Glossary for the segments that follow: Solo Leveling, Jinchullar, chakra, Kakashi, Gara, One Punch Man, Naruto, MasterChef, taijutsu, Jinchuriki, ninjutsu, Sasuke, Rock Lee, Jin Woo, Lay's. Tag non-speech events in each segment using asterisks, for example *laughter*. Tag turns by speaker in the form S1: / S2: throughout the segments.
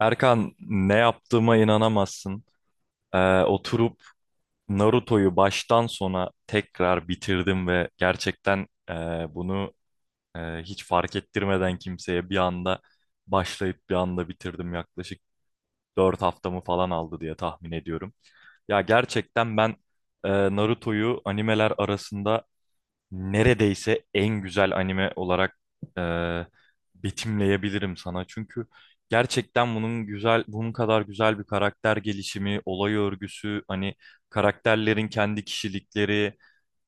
S1: Erkan, ne yaptığıma inanamazsın. Oturup Naruto'yu baştan sona tekrar bitirdim ve gerçekten bunu hiç fark ettirmeden kimseye bir anda başlayıp bir anda bitirdim. Yaklaşık 4 haftamı falan aldı diye tahmin ediyorum. Ya gerçekten ben e, Naruto'yu animeler arasında neredeyse en güzel anime olarak e, betimleyebilirim sana. Çünkü gerçekten bunun kadar güzel bir karakter gelişimi, olay örgüsü, hani karakterlerin kendi kişilikleri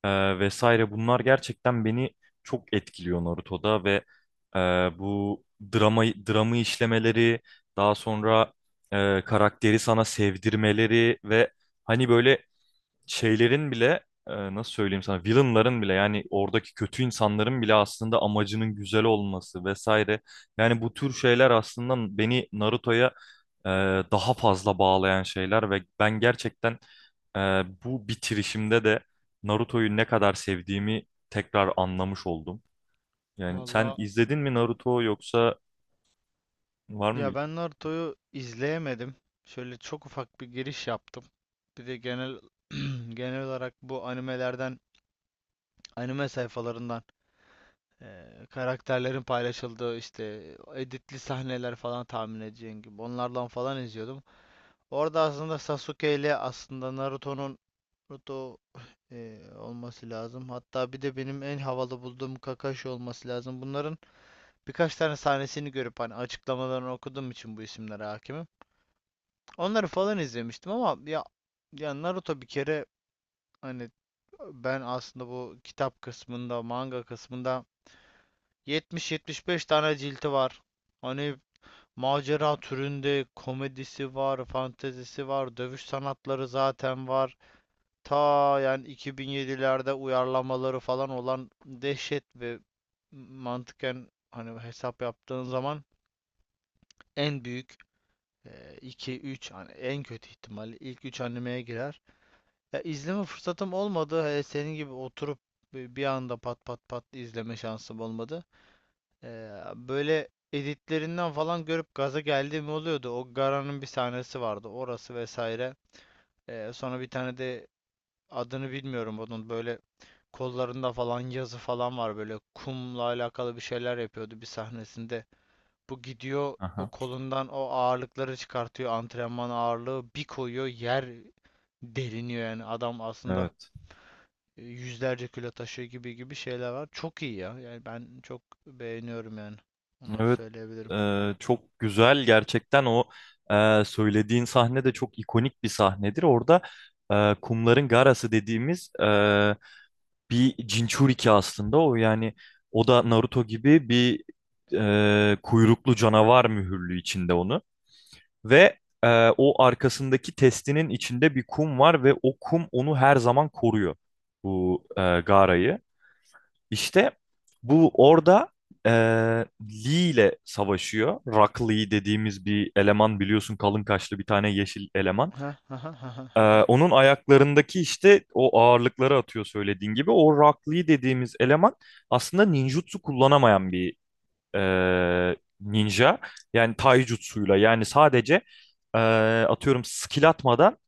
S1: vesaire bunlar gerçekten beni çok etkiliyor Naruto'da ve e, bu dramı işlemeleri, daha sonra karakteri sana sevdirmeleri ve hani böyle şeylerin bile nasıl söyleyeyim sana, villainların bile, yani oradaki kötü insanların bile aslında amacının güzel olması vesaire. Yani bu tür şeyler aslında beni Naruto'ya e, daha fazla bağlayan şeyler ve ben gerçekten e, bu bitirişimde de Naruto'yu ne kadar sevdiğimi tekrar anlamış oldum. Yani sen
S2: Valla
S1: izledin mi Naruto, yoksa var mı?
S2: ya ben Naruto'yu izleyemedim. Şöyle çok ufak bir giriş yaptım. Bir de genel *clears throat* genel olarak bu animelerden, anime sayfalarından karakterlerin paylaşıldığı işte editli sahneler falan tahmin edeceğin gibi onlardan falan izliyordum. Orada aslında Sasuke ile aslında Naruto'nun Naruto olması lazım. Hatta bir de benim en havalı bulduğum Kakashi olması lazım. Bunların birkaç tane sahnesini görüp hani açıklamalarını okuduğum için bu isimlere hakimim. Onları falan izlemiştim ama ya Naruto bir kere hani ben aslında bu kitap kısmında, manga kısmında 70-75 tane cilti var. Hani macera türünde komedisi var, fantezisi var, dövüş sanatları zaten var. Ta yani 2007'lerde uyarlamaları falan olan dehşet ve mantıken hani hesap yaptığın zaman en büyük 2-3 hani en kötü ihtimalle ilk 3 animeye girer. Ya izleme fırsatım olmadı. Hele senin gibi oturup bir anda pat pat pat izleme şansım olmadı. Böyle editlerinden falan görüp gaza geldiğim oluyordu. O Gara'nın bir sahnesi vardı. Orası vesaire. Sonra bir tane de adını bilmiyorum onun böyle kollarında falan yazı falan var böyle kumla alakalı bir şeyler yapıyordu bir sahnesinde. Bu gidiyor o
S1: Aha,
S2: kolundan o ağırlıkları çıkartıyor antrenman ağırlığı bir koyuyor yer deliniyor yani adam aslında
S1: evet.
S2: yüzlerce kilo taşıyor gibi gibi şeyler var. Çok iyi ya. Yani ben çok beğeniyorum yani. Onları
S1: Evet,
S2: söyleyebilirim.
S1: çok güzel gerçekten o söylediğin sahne de çok ikonik bir sahnedir. Orada kumların garası dediğimiz bir Jinchuriki aslında o, yani o da Naruto gibi bir kuyruklu canavar mühürlü içinde onu. Ve o arkasındaki testinin içinde bir kum var ve o kum onu her zaman koruyor, bu garayı. İşte bu orada eee, Lee ile savaşıyor. Rock Lee dediğimiz bir eleman, biliyorsun, kalın kaşlı bir tane yeşil eleman.
S2: Ha ha ha ha ha ha.
S1: Onun ayaklarındaki işte o ağırlıkları atıyor söylediğin gibi. O Rock Lee dediğimiz eleman aslında ninjutsu kullanamayan bir ninja. Yani taijutsuyla, yani sadece eee, atıyorum skill atmadan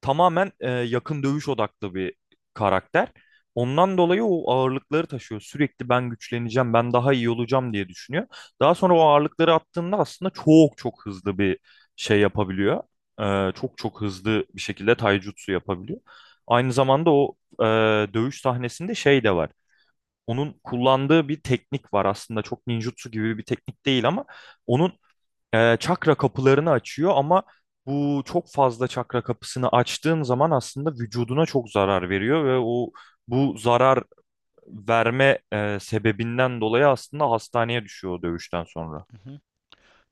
S1: tamamen yakın dövüş odaklı bir karakter. Ondan dolayı o ağırlıkları taşıyor. Sürekli ben güçleneceğim, ben daha iyi olacağım diye düşünüyor. Daha sonra o ağırlıkları attığında aslında çok çok hızlı bir şey yapabiliyor. Çok çok hızlı bir şekilde taijutsu yapabiliyor. Aynı zamanda o dövüş sahnesinde şey de var. Onun kullandığı bir teknik var, aslında çok ninjutsu gibi bir teknik değil, ama onun çakra kapılarını açıyor. Ama bu çok fazla çakra kapısını açtığın zaman aslında vücuduna çok zarar veriyor ve o bu zarar verme sebebinden dolayı aslında hastaneye düşüyor o dövüşten sonra.
S2: Hı hı.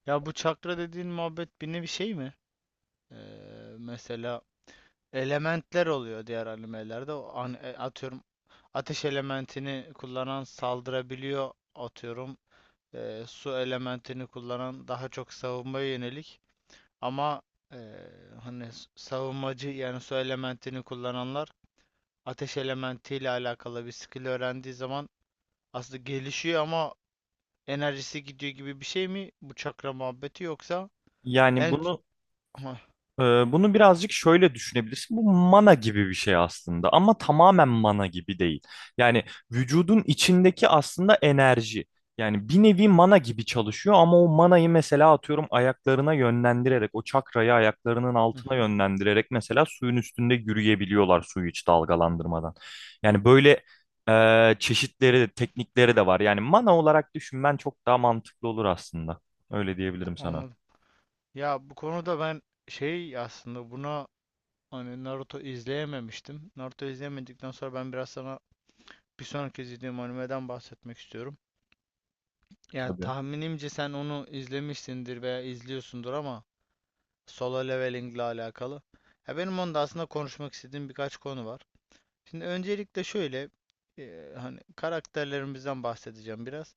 S2: Ya bu çakra dediğin muhabbet bir nevi şey mi? Mesela elementler oluyor diğer animelerde. O an, atıyorum ateş elementini kullanan saldırabiliyor atıyorum. Su elementini kullanan daha çok savunmaya yönelik. Ama e, hani savunmacı yani su elementini kullananlar ateş elementiyle alakalı bir skill öğrendiği zaman aslında gelişiyor ama enerjisi gidiyor gibi bir şey mi bu çakra muhabbeti yoksa
S1: Yani
S2: en ç-
S1: bunu
S2: Hah,
S1: Bunu birazcık şöyle düşünebilirsin. Bu mana gibi bir şey aslında, ama tamamen mana gibi değil. Yani vücudun içindeki aslında enerji. Yani bir nevi mana gibi çalışıyor, ama o manayı mesela atıyorum ayaklarına yönlendirerek, o çakrayı ayaklarının
S2: Hı
S1: altına
S2: hı,
S1: yönlendirerek mesela suyun üstünde yürüyebiliyorlar, suyu hiç dalgalandırmadan. Yani böyle çeşitleri, teknikleri de var. Yani mana olarak düşünmen çok daha mantıklı olur aslında. Öyle diyebilirim sana.
S2: anladım. Ya bu konuda ben şey aslında buna hani Naruto izleyememiştim. Naruto izleyemedikten sonra ben biraz sana bir sonraki izlediğim animeden bahsetmek istiyorum. Ya
S1: Tabii.
S2: tahminimce sen onu izlemişsindir veya izliyorsundur ama Solo Leveling ile alakalı. Ya benim onda aslında konuşmak istediğim birkaç konu var. Şimdi öncelikle şöyle hani karakterlerimizden bahsedeceğim biraz.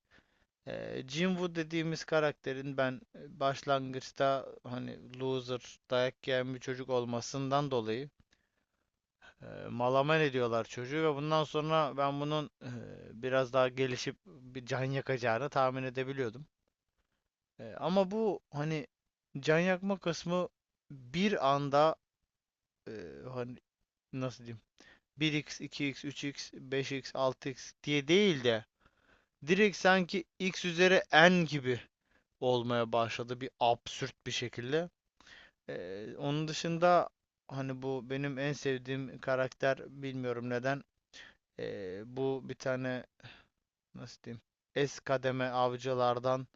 S2: Jin Woo dediğimiz karakterin ben başlangıçta hani loser dayak yiyen bir çocuk olmasından dolayı malaman ediyorlar çocuğu ve bundan sonra ben bunun biraz daha gelişip bir can yakacağını tahmin edebiliyordum. Ama bu hani can yakma kısmı bir anda e, hani nasıl diyeyim 1x, 2x, 3x, 5x, 6x diye değil de direkt sanki x üzeri n gibi olmaya başladı bir absürt bir şekilde. Onun dışında hani bu benim en sevdiğim karakter bilmiyorum neden. Bu bir tane nasıl diyeyim S kademe avcılardan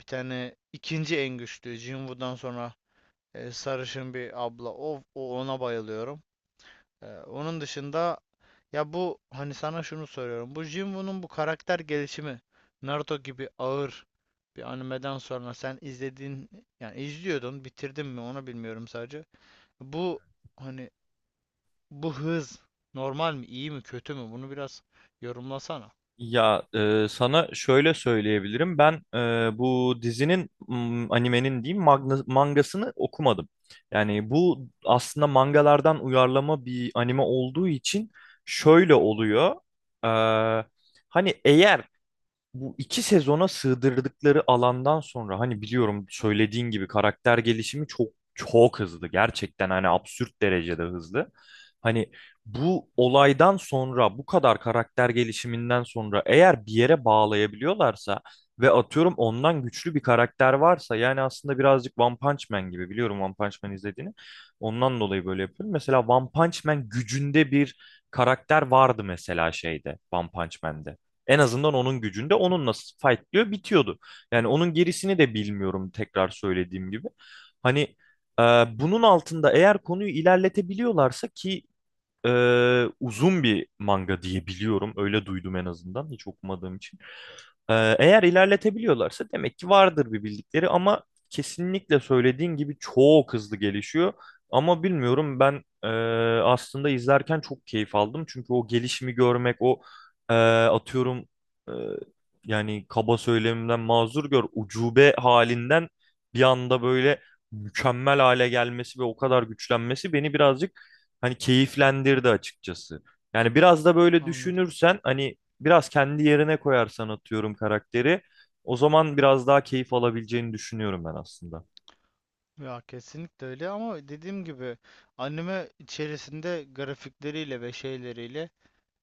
S2: bir tane ikinci en güçlü Jinwoo'dan sonra sarışın bir abla. O ona bayılıyorum. Onun dışında. Ya bu hani sana şunu soruyorum. Bu Jinwoo'nun bu karakter gelişimi Naruto gibi ağır bir animeden sonra sen izlediğin, yani izliyordun, bitirdin mi onu bilmiyorum sadece. Bu hani bu hız normal mi, iyi mi, kötü mü, bunu biraz yorumlasana.
S1: Ya sana şöyle söyleyebilirim. Ben bu dizinin, animenin diyeyim, mangasını okumadım. Yani bu aslında mangalardan uyarlama bir anime olduğu için şöyle oluyor. E, Hani eğer bu 2 sezona sığdırdıkları alandan sonra, hani biliyorum, söylediğin gibi karakter gelişimi çok çok hızlı. Gerçekten hani absürt derecede hızlı. Hani bu olaydan sonra, bu kadar karakter gelişiminden sonra eğer bir yere bağlayabiliyorlarsa ve atıyorum ondan güçlü bir karakter varsa, yani aslında birazcık One Punch Man gibi, biliyorum One Punch Man izlediğini. Ondan dolayı böyle yapıyorum. Mesela One Punch Man gücünde bir karakter vardı mesela şeyde, One Punch Man'de. En azından onun gücünde onunla fightlıyor bitiyordu. Yani onun gerisini de bilmiyorum, tekrar söylediğim gibi. Hani e, bunun altında eğer konuyu ilerletebiliyorlarsa, ki uzun bir manga diye biliyorum. Öyle duydum en azından, hiç okumadığım için. Eğer ilerletebiliyorlarsa demek ki vardır bir bildikleri, ama kesinlikle söylediğin gibi çok hızlı gelişiyor. Ama bilmiyorum, ben aslında izlerken çok keyif aldım. Çünkü o gelişimi görmek, o atıyorum e, yani kaba söylemimden mazur gör, ucube halinden bir anda böyle mükemmel hale gelmesi ve o kadar güçlenmesi beni birazcık hani keyiflendirdi açıkçası. Yani biraz da böyle
S2: Anladım.
S1: düşünürsen, hani biraz kendi yerine koyarsan atıyorum karakteri, o zaman biraz daha keyif alabileceğini düşünüyorum ben aslında.
S2: Ya kesinlikle öyle ama dediğim gibi anime içerisinde grafikleriyle ve şeyleriyle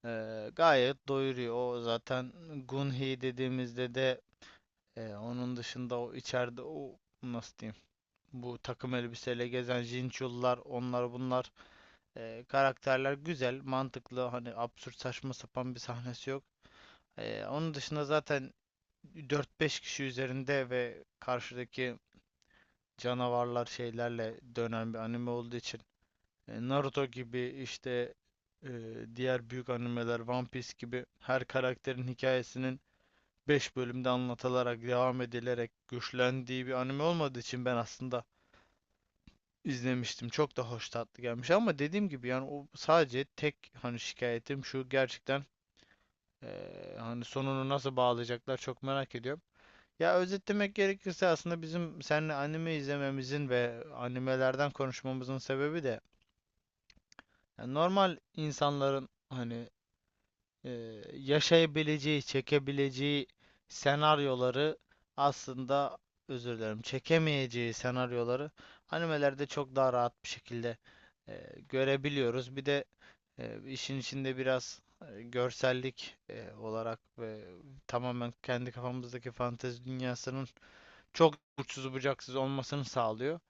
S2: gayet doyuruyor. O zaten Gunhi dediğimizde de. Onun dışında o içeride o nasıl diyeyim bu takım elbiseyle gezen Jinchullar onlar bunlar, karakterler güzel mantıklı, hani absürt saçma sapan bir sahnesi yok. Onun dışında zaten dört beş kişi üzerinde ve karşıdaki canavarlar şeylerle dönen bir anime olduğu için Naruto gibi işte e, diğer büyük animeler One Piece gibi her karakterin hikayesinin beş bölümde anlatılarak, devam edilerek güçlendiği bir anime olmadığı için ben aslında izlemiştim. Çok da hoş tatlı gelmiş ama dediğim gibi yani o sadece tek hani şikayetim şu, gerçekten hani sonunu nasıl bağlayacaklar çok merak ediyorum. Ya özetlemek gerekirse aslında bizim seninle anime izlememizin ve animelerden konuşmamızın sebebi de yani normal insanların hani yaşayabileceği, çekebileceği senaryoları, aslında özür dilerim, çekemeyeceği senaryoları animelerde çok daha rahat bir şekilde görebiliyoruz. Bir de işin içinde biraz görsellik olarak ve tamamen kendi kafamızdaki fantezi dünyasının çok uçsuz bucaksız olmasını sağlıyor.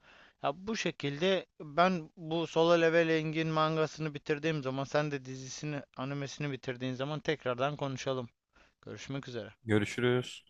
S2: Ya bu şekilde ben bu Solo Leveling'in mangasını bitirdiğim zaman sen de dizisini, animesini bitirdiğin zaman tekrardan konuşalım. Görüşmek üzere.
S1: Görüşürüz.